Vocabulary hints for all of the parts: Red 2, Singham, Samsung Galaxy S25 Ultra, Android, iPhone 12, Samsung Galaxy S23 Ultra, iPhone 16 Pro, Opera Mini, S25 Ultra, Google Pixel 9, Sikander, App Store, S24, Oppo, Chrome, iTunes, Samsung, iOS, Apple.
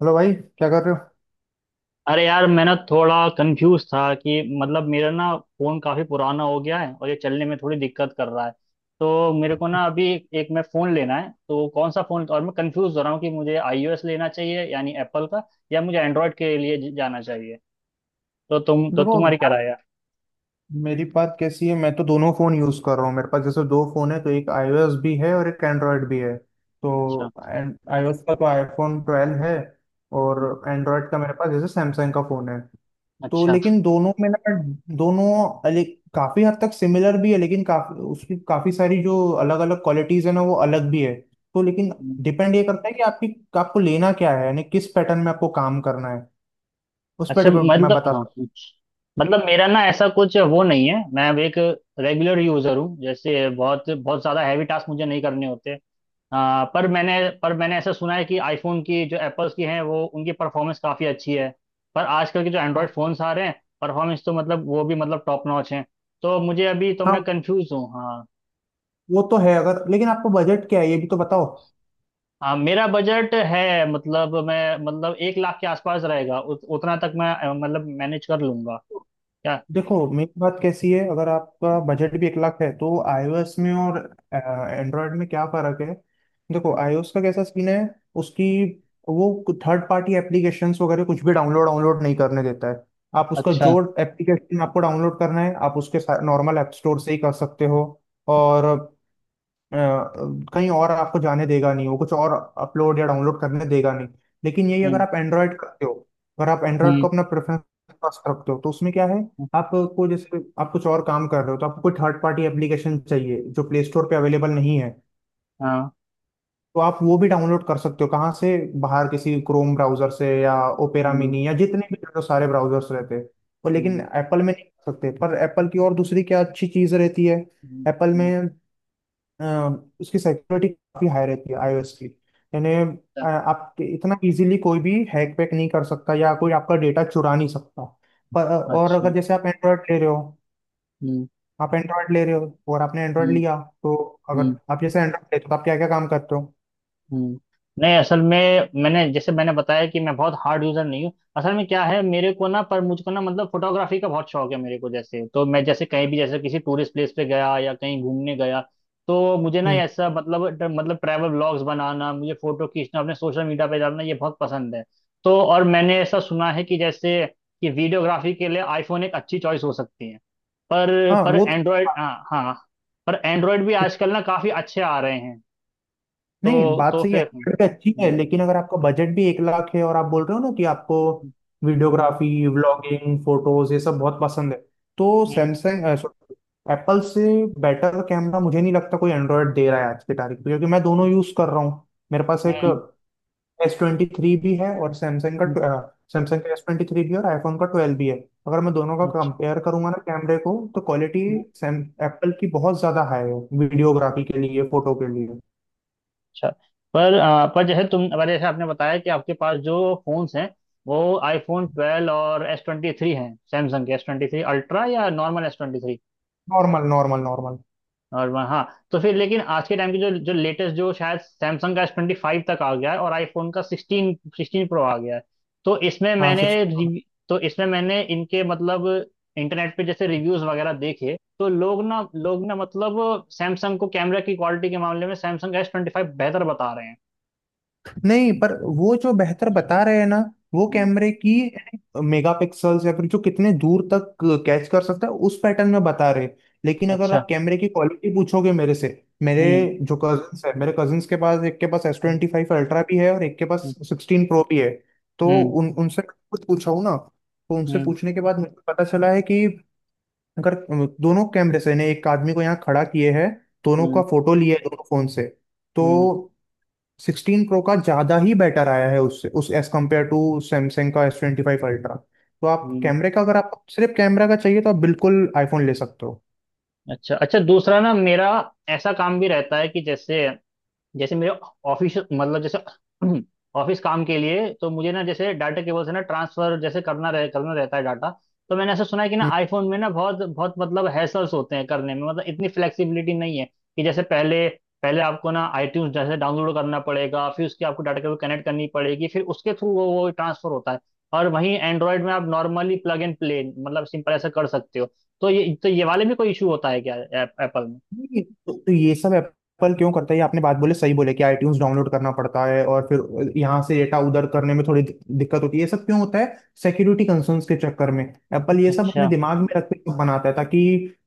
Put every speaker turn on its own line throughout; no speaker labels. Hello भाई, क्या कर रहे हो?
अरे यार, मैं ना थोड़ा कंफ्यूज था कि मतलब, मेरा ना फोन काफी पुराना हो गया है और ये चलने में थोड़ी दिक्कत कर रहा है। तो मेरे को ना अभी एक मैं फोन लेना है, तो कौन सा फोन? और मैं कंफ्यूज हो रहा हूँ कि मुझे आईओएस लेना चाहिए यानी एप्पल का, या मुझे एंड्रॉयड के लिए जाना चाहिए। तो
देखो
तुम्हारी क्या
यार,
राय है?
मेरी बात कैसी है। मैं तो दोनों फ़ोन यूज़ कर रहा हूँ, मेरे पास जैसे दो फ़ोन है, तो एक iOS भी है और एक एंड्रॉयड भी है। तो
अच्छा।
iOS का तो iPhone 12 है और
हम्म।
एंड्रॉयड का मेरे पास जैसे सैमसंग का फ़ोन है। तो
अच्छा।
लेकिन दोनों में ना, दोनों अलग काफ़ी हद तक सिमिलर भी है, लेकिन काफ़ी उसकी काफ़ी सारी जो अलग अलग क्वालिटीज़ है ना, वो अलग भी है। तो लेकिन
हम्म।
डिपेंड ये करता है कि आपकी, आपको लेना क्या है, यानी किस पैटर्न में आपको काम करना है, उस पर
अच्छा,
डिपेंड मैं
मतलब
बता
हाँ,
सकता
कुछ। मतलब मेरा ना ऐसा कुछ वो नहीं है। मैं अब एक रेगुलर यूजर हूँ, जैसे बहुत बहुत ज्यादा हैवी टास्क मुझे नहीं करने होते। पर मैंने ऐसा सुना है कि आईफोन की, जो एप्पल्स की हैं, वो उनकी परफॉर्मेंस काफ़ी अच्छी है। पर आजकल के जो
हूँ। हाँ
एंड्रॉयड फ़ोन्स आ रहे हैं, परफॉर्मेंस तो मतलब वो भी मतलब टॉप नॉच हैं। तो मुझे अभी, तो मैं
हाँ,
कंफ्यूज हूँ। हाँ।
वो तो है। अगर लेकिन आपका बजट क्या है ये भी तो बताओ।
हाँ, मेरा बजट है मतलब, मैं मतलब एक लाख के आसपास रहेगा। उतना तक मैं मतलब मैनेज कर लूंगा। क्या?
देखो मेरी बात कैसी है, अगर आपका बजट भी एक लाख है, तो आईओएस में और एंड्रॉयड में क्या फर्क है। देखो आईओएस का कैसा सीन है, उसकी वो थर्ड पार्टी एप्लीकेशंस वगैरह कुछ भी डाउनलोड डाउनलोड नहीं करने देता है। आप उसका
अच्छा।
जो एप्लीकेशन आपको डाउनलोड करना है, आप उसके नॉर्मल ऐप स्टोर से ही कर सकते हो, और अ, कहीं और आपको जाने देगा नहीं, वो कुछ और अपलोड या डाउनलोड करने देगा नहीं। लेकिन यही अगर
हम्म।
आप एंड्रॉयड करते हो, अगर आप एंड्रॉयड
हम्म।
को अपना प्रेफरेंस पास रखते हो, तो उसमें क्या है,
हम्म।
आपको जैसे आप कुछ और काम कर रहे हो तो आपको कोई थर्ड पार्टी एप्लीकेशन चाहिए जो प्ले स्टोर पे अवेलेबल नहीं है,
हाँ।
तो आप वो भी डाउनलोड कर सकते हो कहाँ से, बाहर किसी क्रोम ब्राउजर से या ओपेरा
हम्म।
मिनी या जितने भी जो सारे ब्राउजर्स रहते हैं वो। लेकिन
हम्म।
एप्पल में नहीं कर सकते। पर एप्पल की और दूसरी क्या अच्छी चीज़ रहती है एप्पल
हम्म।
में, अ, उसकी सिक्योरिटी काफी हाई रहती है आईओएस की। यानी
अच्छा।
आप इतना इजीली कोई भी हैक पैक नहीं कर सकता या कोई आपका डेटा चुरा नहीं सकता। पर और
अच्छा।
अगर जैसे आप एंड्रॉयड ले रहे हो,
हम्म।
आप एंड्रॉयड ले रहे हो और आपने एंड्रॉयड लिया तो अगर
हम्म।
आप जैसे एंड्रॉयड ले, तो आप क्या क्या काम करते हो?
हम्म। नहीं, असल में, मैंने जैसे मैंने बताया कि मैं बहुत हार्ड यूजर नहीं हूँ। असल में क्या है, मेरे को ना, पर मुझको ना मतलब फोटोग्राफी का बहुत शौक है मेरे को। जैसे तो मैं जैसे कहीं भी, जैसे किसी टूरिस्ट प्लेस पे गया या कहीं घूमने गया, तो मुझे ना
हम्म,
ऐसा मतलब मतलब ट्रैवल व्लॉग्स बनाना, मुझे फोटो खींचना, अपने सोशल मीडिया पे डालना, ये बहुत पसंद है। तो, और मैंने ऐसा सुना है कि जैसे कि वीडियोग्राफी के लिए आईफोन एक अच्छी चॉइस हो सकती है। पर
हाँ
पर
वो
एंड्रॉयड, हाँ हाँ, पर एंड्रॉयड भी
तो।
आजकल ना काफी अच्छे आ रहे हैं।
नहीं, बात
तो
सही है।
फिर
Android पे अच्छी है,
हम्म।
लेकिन अगर आपका बजट भी एक लाख है और आप बोल रहे हो ना कि आपको
हम्म। हम्म।
वीडियोग्राफी, व्लॉगिंग, फोटोज ये सब बहुत पसंद है, तो
हम्म।
सैमसंग एप्पल से बेटर कैमरा मुझे नहीं लगता कोई एंड्रॉयड दे रहा है आज की तारीख में, क्योंकि मैं दोनों यूज कर रहा हूँ। मेरे पास एक
हम्म।
S23 भी है और सैमसंग
हम्म।
का, सैमसंग का S23 भी है और आईफोन का 12 भी है। अगर मैं दोनों का
अच्छा।
कंपेयर करूंगा ना कैमरे को, तो क्वालिटी
हम्म।
सैम एप्पल की बहुत ज्यादा हाई है, वीडियोग्राफी के लिए, फोटो के लिए।
अच्छा, पर आ, पर जैसे तुम पर जैसे आपने बताया कि आपके पास जो फोन्स हैं, वो आईफोन ट्वेल्व और एस ट्वेंटी थ्री हैं। सैमसंग के एस ट्वेंटी थ्री अल्ट्रा या normal S twenty three?
Normal normal normal.
और वहाँ, हाँ, तो फिर लेकिन आज के टाइम की जो जो लेटेस्ट, जो शायद सैमसंग का एस ट्वेंटी फाइव तक आ गया है और आईफोन का सिक्सटीन सिक्सटीन प्रो आ गया है। तो इसमें
हाँ सिक्स।
तो इसमें मैंने इनके मतलब इंटरनेट पे जैसे रिव्यूज वगैरह देखे, तो लोग ना मतलब सैमसंग को कैमरा की क्वालिटी के मामले में सैमसंग का एस ट्वेंटी फाइव बेहतर बता रहे हैं।
नहीं, पर वो जो बेहतर बता रहे हैं ना, वो
हम्म।
कैमरे की मेगापिक्सल्स या फिर जो कितने दूर तक कैच कर सकता है उस पैटर्न में बता रहे हैं। लेकिन अगर
अच्छा।
आप कैमरे की क्वालिटी पूछोगे मेरे से, मेरे
हम्म।
जो कजिन्स है, मेरे कजिन्स के पास, एक के पास S
hmm.
Twenty five ultra भी है और एक के पास 16 Pro भी है, तो
हम्म।
उन उनसे कुछ पूछा हूं ना। तो उनसे
हम्म।
पूछने के बाद मुझे पता चला है कि अगर दोनों कैमरे से ने एक आदमी को यहाँ खड़ा किए है, दोनों का
हम्म।
फोटो लिया है दोनों फोन से, तो
हम्म।
16 Pro का ज़्यादा ही बेटर आया है उससे, उस एज कम्पेयर टू सैमसंग का S25 Ultra। तो आप
हम्म।
कैमरे का, अगर आप सिर्फ कैमरा का चाहिए तो आप बिल्कुल आईफोन ले सकते हो।
अच्छा। अच्छा, दूसरा ना मेरा ऐसा काम भी रहता है कि जैसे, जैसे मेरे ऑफिस, मतलब जैसे ऑफिस काम के लिए तो मुझे ना, जैसे डाटा केबल से ना ट्रांसफर जैसे करना रहता है डाटा। तो मैंने ऐसा सुना है कि ना आईफोन में ना बहुत बहुत मतलब हैसल्स होते हैं करने में, मतलब इतनी फ्लेक्सिबिलिटी नहीं है कि जैसे पहले पहले आपको ना आईट्यून्स जैसे डाउनलोड करना पड़ेगा, फिर उसके आपको डाटा केबल कनेक्ट करनी पड़ेगी, फिर उसके थ्रू वो ट्रांसफर होता है। और वहीं एंड्रॉयड में आप नॉर्मली प्लग एंड प्ले, मतलब सिंपल ऐसा कर सकते हो। तो ये, तो ये वाले में कोई इशू होता है क्या एप्पल में?
नहीं, तो ये सब एप्पल क्यों करता है, ये आपने बात बोले, सही बोले, कि आईट्यून्स डाउनलोड करना पड़ता है और फिर यहाँ से डेटा उधर करने में थोड़ी दिक्कत होती है, ये सब क्यों होता है। सिक्योरिटी कंसर्न्स के चक्कर में एप्पल ये सब अपने
अच्छा।
दिमाग में रख के सब बनाता है, ताकि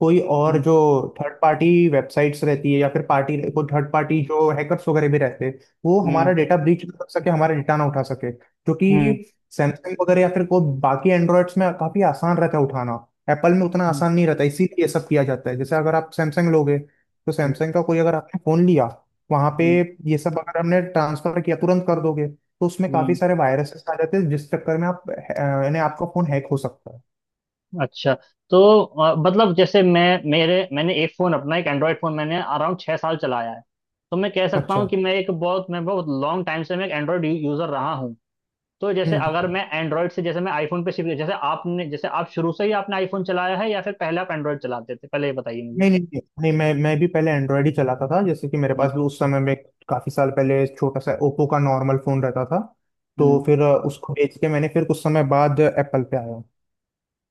कोई और
हम्म।
जो थर्ड पार्टी वेबसाइट्स रहती है या फिर पार्टी कोई थर्ड पार्टी जो हैकर्स वगैरह भी रहते हैं, वो
हम्म।
हमारा डेटा ब्रीच कर सके, हमारा डेटा ना उठा सके, जो
हम्म।
कि सैमसंग वगैरह या फिर कोई बाकी एंड्रॉइड्स में काफी आसान रहता है उठाना। एप्पल में उतना आसान नहीं रहता, इसीलिए ये सब किया जाता है। जैसे अगर आप सैमसंग लोगे तो
हम्म।
सैमसंग का कोई, अगर आपने फोन लिया, वहां पे
हम्म।
ये सब अगर हमने ट्रांसफर किया तुरंत कर दोगे, तो उसमें काफी
हम्म।
सारे वायरसेस आ जाते हैं, जिस चक्कर में आप यानी आपका फोन हैक हो सकता है।
अच्छा तो मतलब जैसे मैं मेरे, मैंने एक फ़ोन अपना, एक एंड्रॉयड फ़ोन मैंने अराउंड छः साल चलाया है। तो मैं कह सकता
अच्छा,
हूँ कि मैं एक बहुत, मैं बहुत लॉन्ग टाइम से मैं एक एंड्रॉयड यूज़र रहा हूँ। तो जैसे
हम्म।
अगर मैं एंड्रॉयड से, जैसे मैं आईफोन पे शिफ्ट, जैसे आपने, जैसे आप शुरू से ही आपने आईफोन चलाया है या फिर पहले आप एंड्रॉयड चलाते थे, पहले ये बताइए मुझे।
नहीं नहीं नहीं नहीं, मैं भी पहले एंड्रॉयड ही चलाता था, जैसे कि मेरे
हम्म।
पास भी उस समय में काफी साल पहले छोटा सा ओप्पो का नॉर्मल फोन रहता था। तो
हम्म।
फिर उसको बेच के मैंने फिर कुछ समय बाद एप्पल पे आया।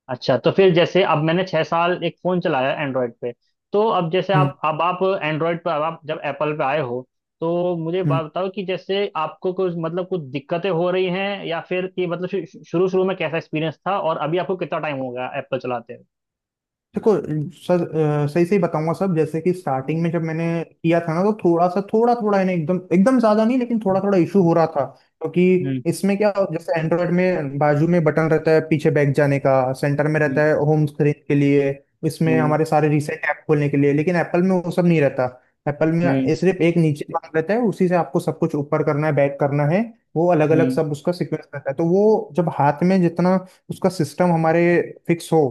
अच्छा, तो फिर जैसे, अब मैंने छह साल एक फोन चलाया एंड्रॉयड पे। तो अब जैसे
हम्म
आप एंड्रॉयड पर, अब आप जब एप्पल पे आए हो, तो मुझे
हम्म।
बात बताओ कि जैसे आपको कुछ मतलब कुछ दिक्कतें हो रही हैं, या फिर कि मतलब शुरू शुरू में कैसा एक्सपीरियंस था, और अभी आपको कितना टाइम हो गया एप्पल चलाते हुए?
देखो सर, सही सही बताऊंगा सब। जैसे कि स्टार्टिंग
हम्म।
में जब मैंने किया था ना, तो थोड़ा सा, थोड़ा थोड़ा है ना, एकदम एकदम ज्यादा नहीं लेकिन थोड़ा थोड़ा इशू हो रहा था, क्योंकि
हम्म।
इसमें क्या, जैसे एंड्रॉयड में बाजू में बटन रहता है पीछे बैक जाने का, सेंटर में
हम्म।
रहता है होम स्क्रीन के लिए, इसमें हमारे सारे रिसेंट ऐप खोलने के लिए, लेकिन एप्पल में वो सब नहीं रहता। एप्पल में
हम्म। हम्म।
ये सिर्फ एक नीचे बटन रहता है, उसी से आपको सब कुछ ऊपर करना है, बैक करना है। वो अलग अलग
हम्म।
सब उसका सीक्वेंस रहता है, तो वो जब हाथ में जितना उसका सिस्टम हमारे फिक्स हो,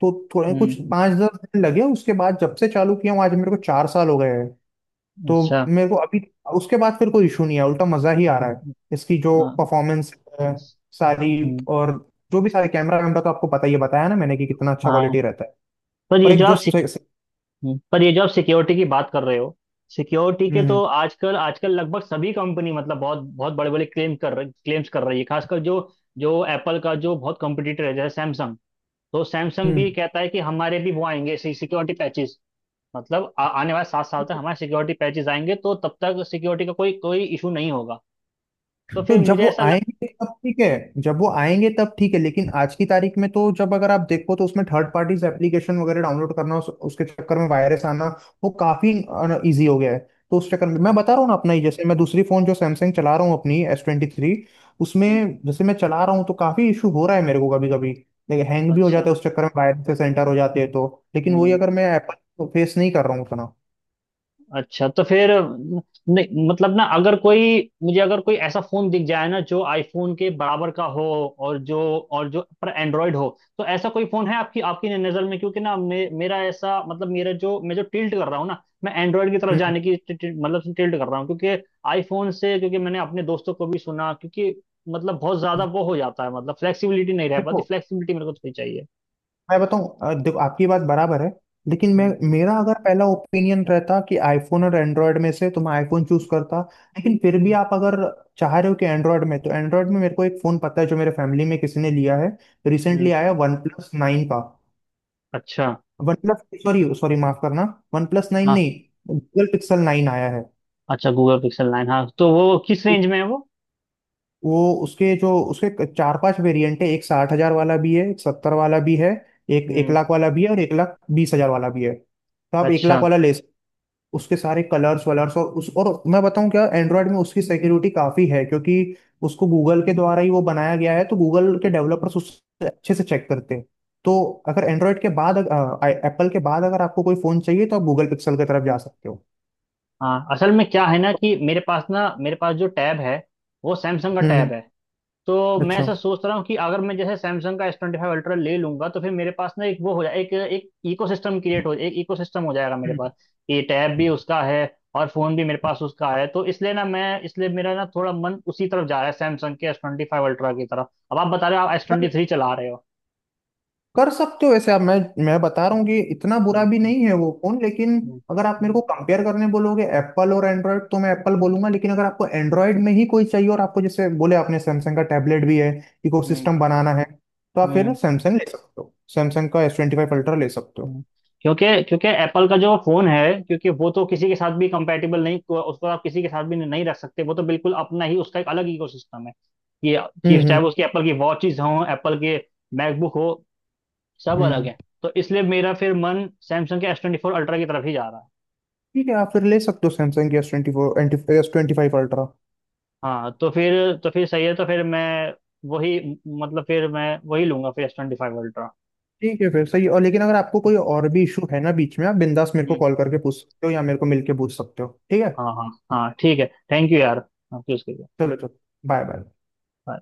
तो थोड़े कुछ
हम्म।
5-10 दिन लगे। उसके बाद जब से चालू किया हूँ, आज मेरे को 4 साल हो गए हैं। तो
अच्छा।
मेरे को अभी उसके बाद फिर कोई इशू नहीं है, उल्टा मजा ही आ रहा है। इसकी जो
हाँ।
परफॉर्मेंस है सारी,
हम्म।
और जो भी सारे कैमरा वैमरा तो आपको पता ही है, बताया ना मैंने कि कितना अच्छा
हाँ,
क्वालिटी रहता है।
पर
और
ये
एक
जो
जो
आप, पर ये जो आप सिक्योरिटी की बात कर रहे हो, सिक्योरिटी के
हम्म
तो आजकल, आजकल लगभग सभी कंपनी, मतलब बहुत बहुत बड़े बड़े क्लेम्स कर रही है, खासकर जो, जो एप्पल का जो बहुत कॉम्पिटिटर है जैसे सैमसंग। तो सैमसंग भी
हम्म।
कहता है कि हमारे भी वो आएंगे सिक्योरिटी पैचेस, मतलब आने वाले सात साल तक हमारे सिक्योरिटी पैचेस आएंगे, तो तब तक सिक्योरिटी का कोई, कोई इशू नहीं होगा। तो
तो
फिर
जब
मुझे
वो
ऐसा लग,
आएंगे तब ठीक है, जब वो आएंगे तब ठीक है, लेकिन आज की तारीख में तो जब अगर आप देखो, तो उसमें थर्ड पार्टीज एप्लीकेशन वगैरह डाउनलोड करना, उसके चक्कर में वायरस आना वो काफी इजी हो गया है। तो उस चक्कर में मैं
अच्छा।
बता रहा हूँ ना, अपना ही, जैसे मैं दूसरी फोन जो सैमसंग चला रहा हूँ अपनी S23,
हम्म। हम्म।
उसमें जैसे मैं चला रहा हूँ तो काफी इशू हो रहा है मेरे को कभी कभी। लेकिन हैंग भी हो
अच्छा।
जाता है, उस चक्कर में वायरस से सेंटर हो जाते हैं, तो लेकिन वही
हम्म।
अगर मैं एप्पल फेस नहीं कर रहा हूँ उतना।
अच्छा, तो फिर नहीं, मतलब ना अगर कोई, मुझे अगर कोई ऐसा फोन दिख जाए ना जो आईफोन के बराबर का हो, और जो, और जो पर एंड्रॉयड हो, तो ऐसा कोई फोन है आपकी, आपकी नज़र में? क्योंकि ना मेरा ऐसा मतलब, मेरा जो मैं जो टिल्ट कर रहा हूँ ना, मैं एंड्रॉयड की तरफ
हम्म।
जाने की मतलब टिल्ट कर रहा हूँ, क्योंकि आईफोन से, क्योंकि मैंने अपने दोस्तों को भी सुना, क्योंकि मतलब बहुत ज्यादा वो हो जाता है, मतलब फ्लेक्सिबिलिटी नहीं रह पाती,
देखो,
फ्लेक्सिबिलिटी मेरे को थोड़ी चाहिए।
मैं बताऊं, देखो आपकी बात बराबर है, लेकिन मैं
हम्म।
मेरा अगर पहला ओपिनियन रहता कि आईफोन और एंड्रॉयड में से, तो मैं आईफोन चूज करता। लेकिन फिर भी
हम्म।
आप अगर चाह रहे हो कि एंड्रॉयड में, तो एंड्रॉयड में मेरे को एक फोन पता है जो मेरे फैमिली में किसी ने लिया है,
हम्म।
रिसेंटली आया, OnePlus 9 का।
अच्छा।
वन प्लस, सॉरी सॉरी, माफ करना, OnePlus 9
हाँ।
नहीं, Google Pixel 9 आया है
अच्छा, गूगल पिक्सल 9, हाँ, तो वो किस रेंज में है वो?
वो। उसके जो उसके 4-5 वेरिएंट है, एक 60,000 वाला भी है, एक सत्तर वाला भी है, एक एक
हम्म।
लाख वाला भी है और 1 लाख 20 हजार वाला भी है, तो आप एक
अच्छा।
लाख वाला ले। उसके सारे कलर्स वलर्स और उस, और मैं बताऊं क्या, एंड्रॉयड में उसकी सिक्योरिटी काफी है, क्योंकि उसको गूगल के द्वारा ही वो बनाया गया है, तो गूगल के
हम्म।
डेवलपर्स उससे अच्छे से चेक करते हैं। तो अगर एंड्रॉयड के बाद, एप्पल के बाद अगर आपको कोई फोन चाहिए, तो आप गूगल पिक्सल की तरफ जा
हम्म।
सकते हो।
हाँ, असल में क्या है ना, कि मेरे पास ना, मेरे पास जो टैब है, वो सैमसंग का
हम्म हम्म,
टैब है। तो मैं
अच्छा,
ऐसा सोच रहा हूँ कि अगर मैं जैसे सैमसंग का एस ट्वेंटी फाइव अल्ट्रा ले लूंगा, तो फिर मेरे पास ना एक वो हो जाए, एक, एक इकोसिस्टम क्रिएट हो, एक इकोसिस्टम हो जाएगा मेरे
हम्म,
पास। ये टैब भी उसका है और फोन भी मेरे पास उसका है, तो इसलिए ना, मैं इसलिए मेरा ना थोड़ा मन उसी तरफ जा रहा है, सैमसंग के एस ट्वेंटी फाइव अल्ट्रा की तरफ। अब आप बता रहे हो आप एस ट्वेंटी थ्री चला रहे हो।
कर सकते हो वैसे आप। मैं बता रहा हूँ
हम्म।
कि इतना बुरा भी
हम्म।
नहीं है वो फोन, लेकिन
हम्म।
अगर आप मेरे
हम्म।
को कंपेयर करने बोलोगे एप्पल और एंड्रॉयड, तो मैं एप्पल बोलूंगा। लेकिन अगर आपको एंड्रॉयड में ही कोई चाहिए और आपको जैसे बोले आपने सैमसंग का टैबलेट भी है,
हम्म।
इकोसिस्टम बनाना है, तो आप फिर
हम्म।
सैमसंग ले सकते हो, सैमसंग का एस ट्वेंटी फाइव अल्ट्रा ले सकते हो।
हम्म। क्योंकि, क्योंकि एप्पल का जो फोन है, क्योंकि वो तो किसी के साथ भी कंपैटिबल नहीं, उसको आप किसी के साथ भी नहीं रख सकते, वो तो बिल्कुल अपना ही, उसका एक अलग इकोसिस्टम है। ये ये
हम्म
चाहे
हम्म
वो उसकी एप्पल की वॉचेस हों, एप्पल के मैकबुक हो, सब अलग
हम्म।
है। तो इसलिए मेरा फिर मन सैमसंग के एस ट्वेंटी फोर अल्ट्रा की तरफ ही जा रहा है।
ठीक है, आप फिर ले सकते हो सैमसंग की S24, S25 Ultra।
हाँ, तो फिर, तो फिर सही है, तो फिर मैं वही, मतलब फिर मैं वही लूंगा फिर, एस ट्वेंटी फाइव अल्ट्रा।
ठीक है फिर, सही। और लेकिन अगर आपको कोई और भी इशू है ना बीच में, आप बिंदास मेरे को
हम्म।
कॉल करके पूछ सकते हो या मेरे को मिलके पूछ सकते हो, ठीक है।
हाँ हाँ हाँ, ठीक है। थैंक यू यार, आपकी उसके लिए।
चलो चलो। Bye bye.
Bye.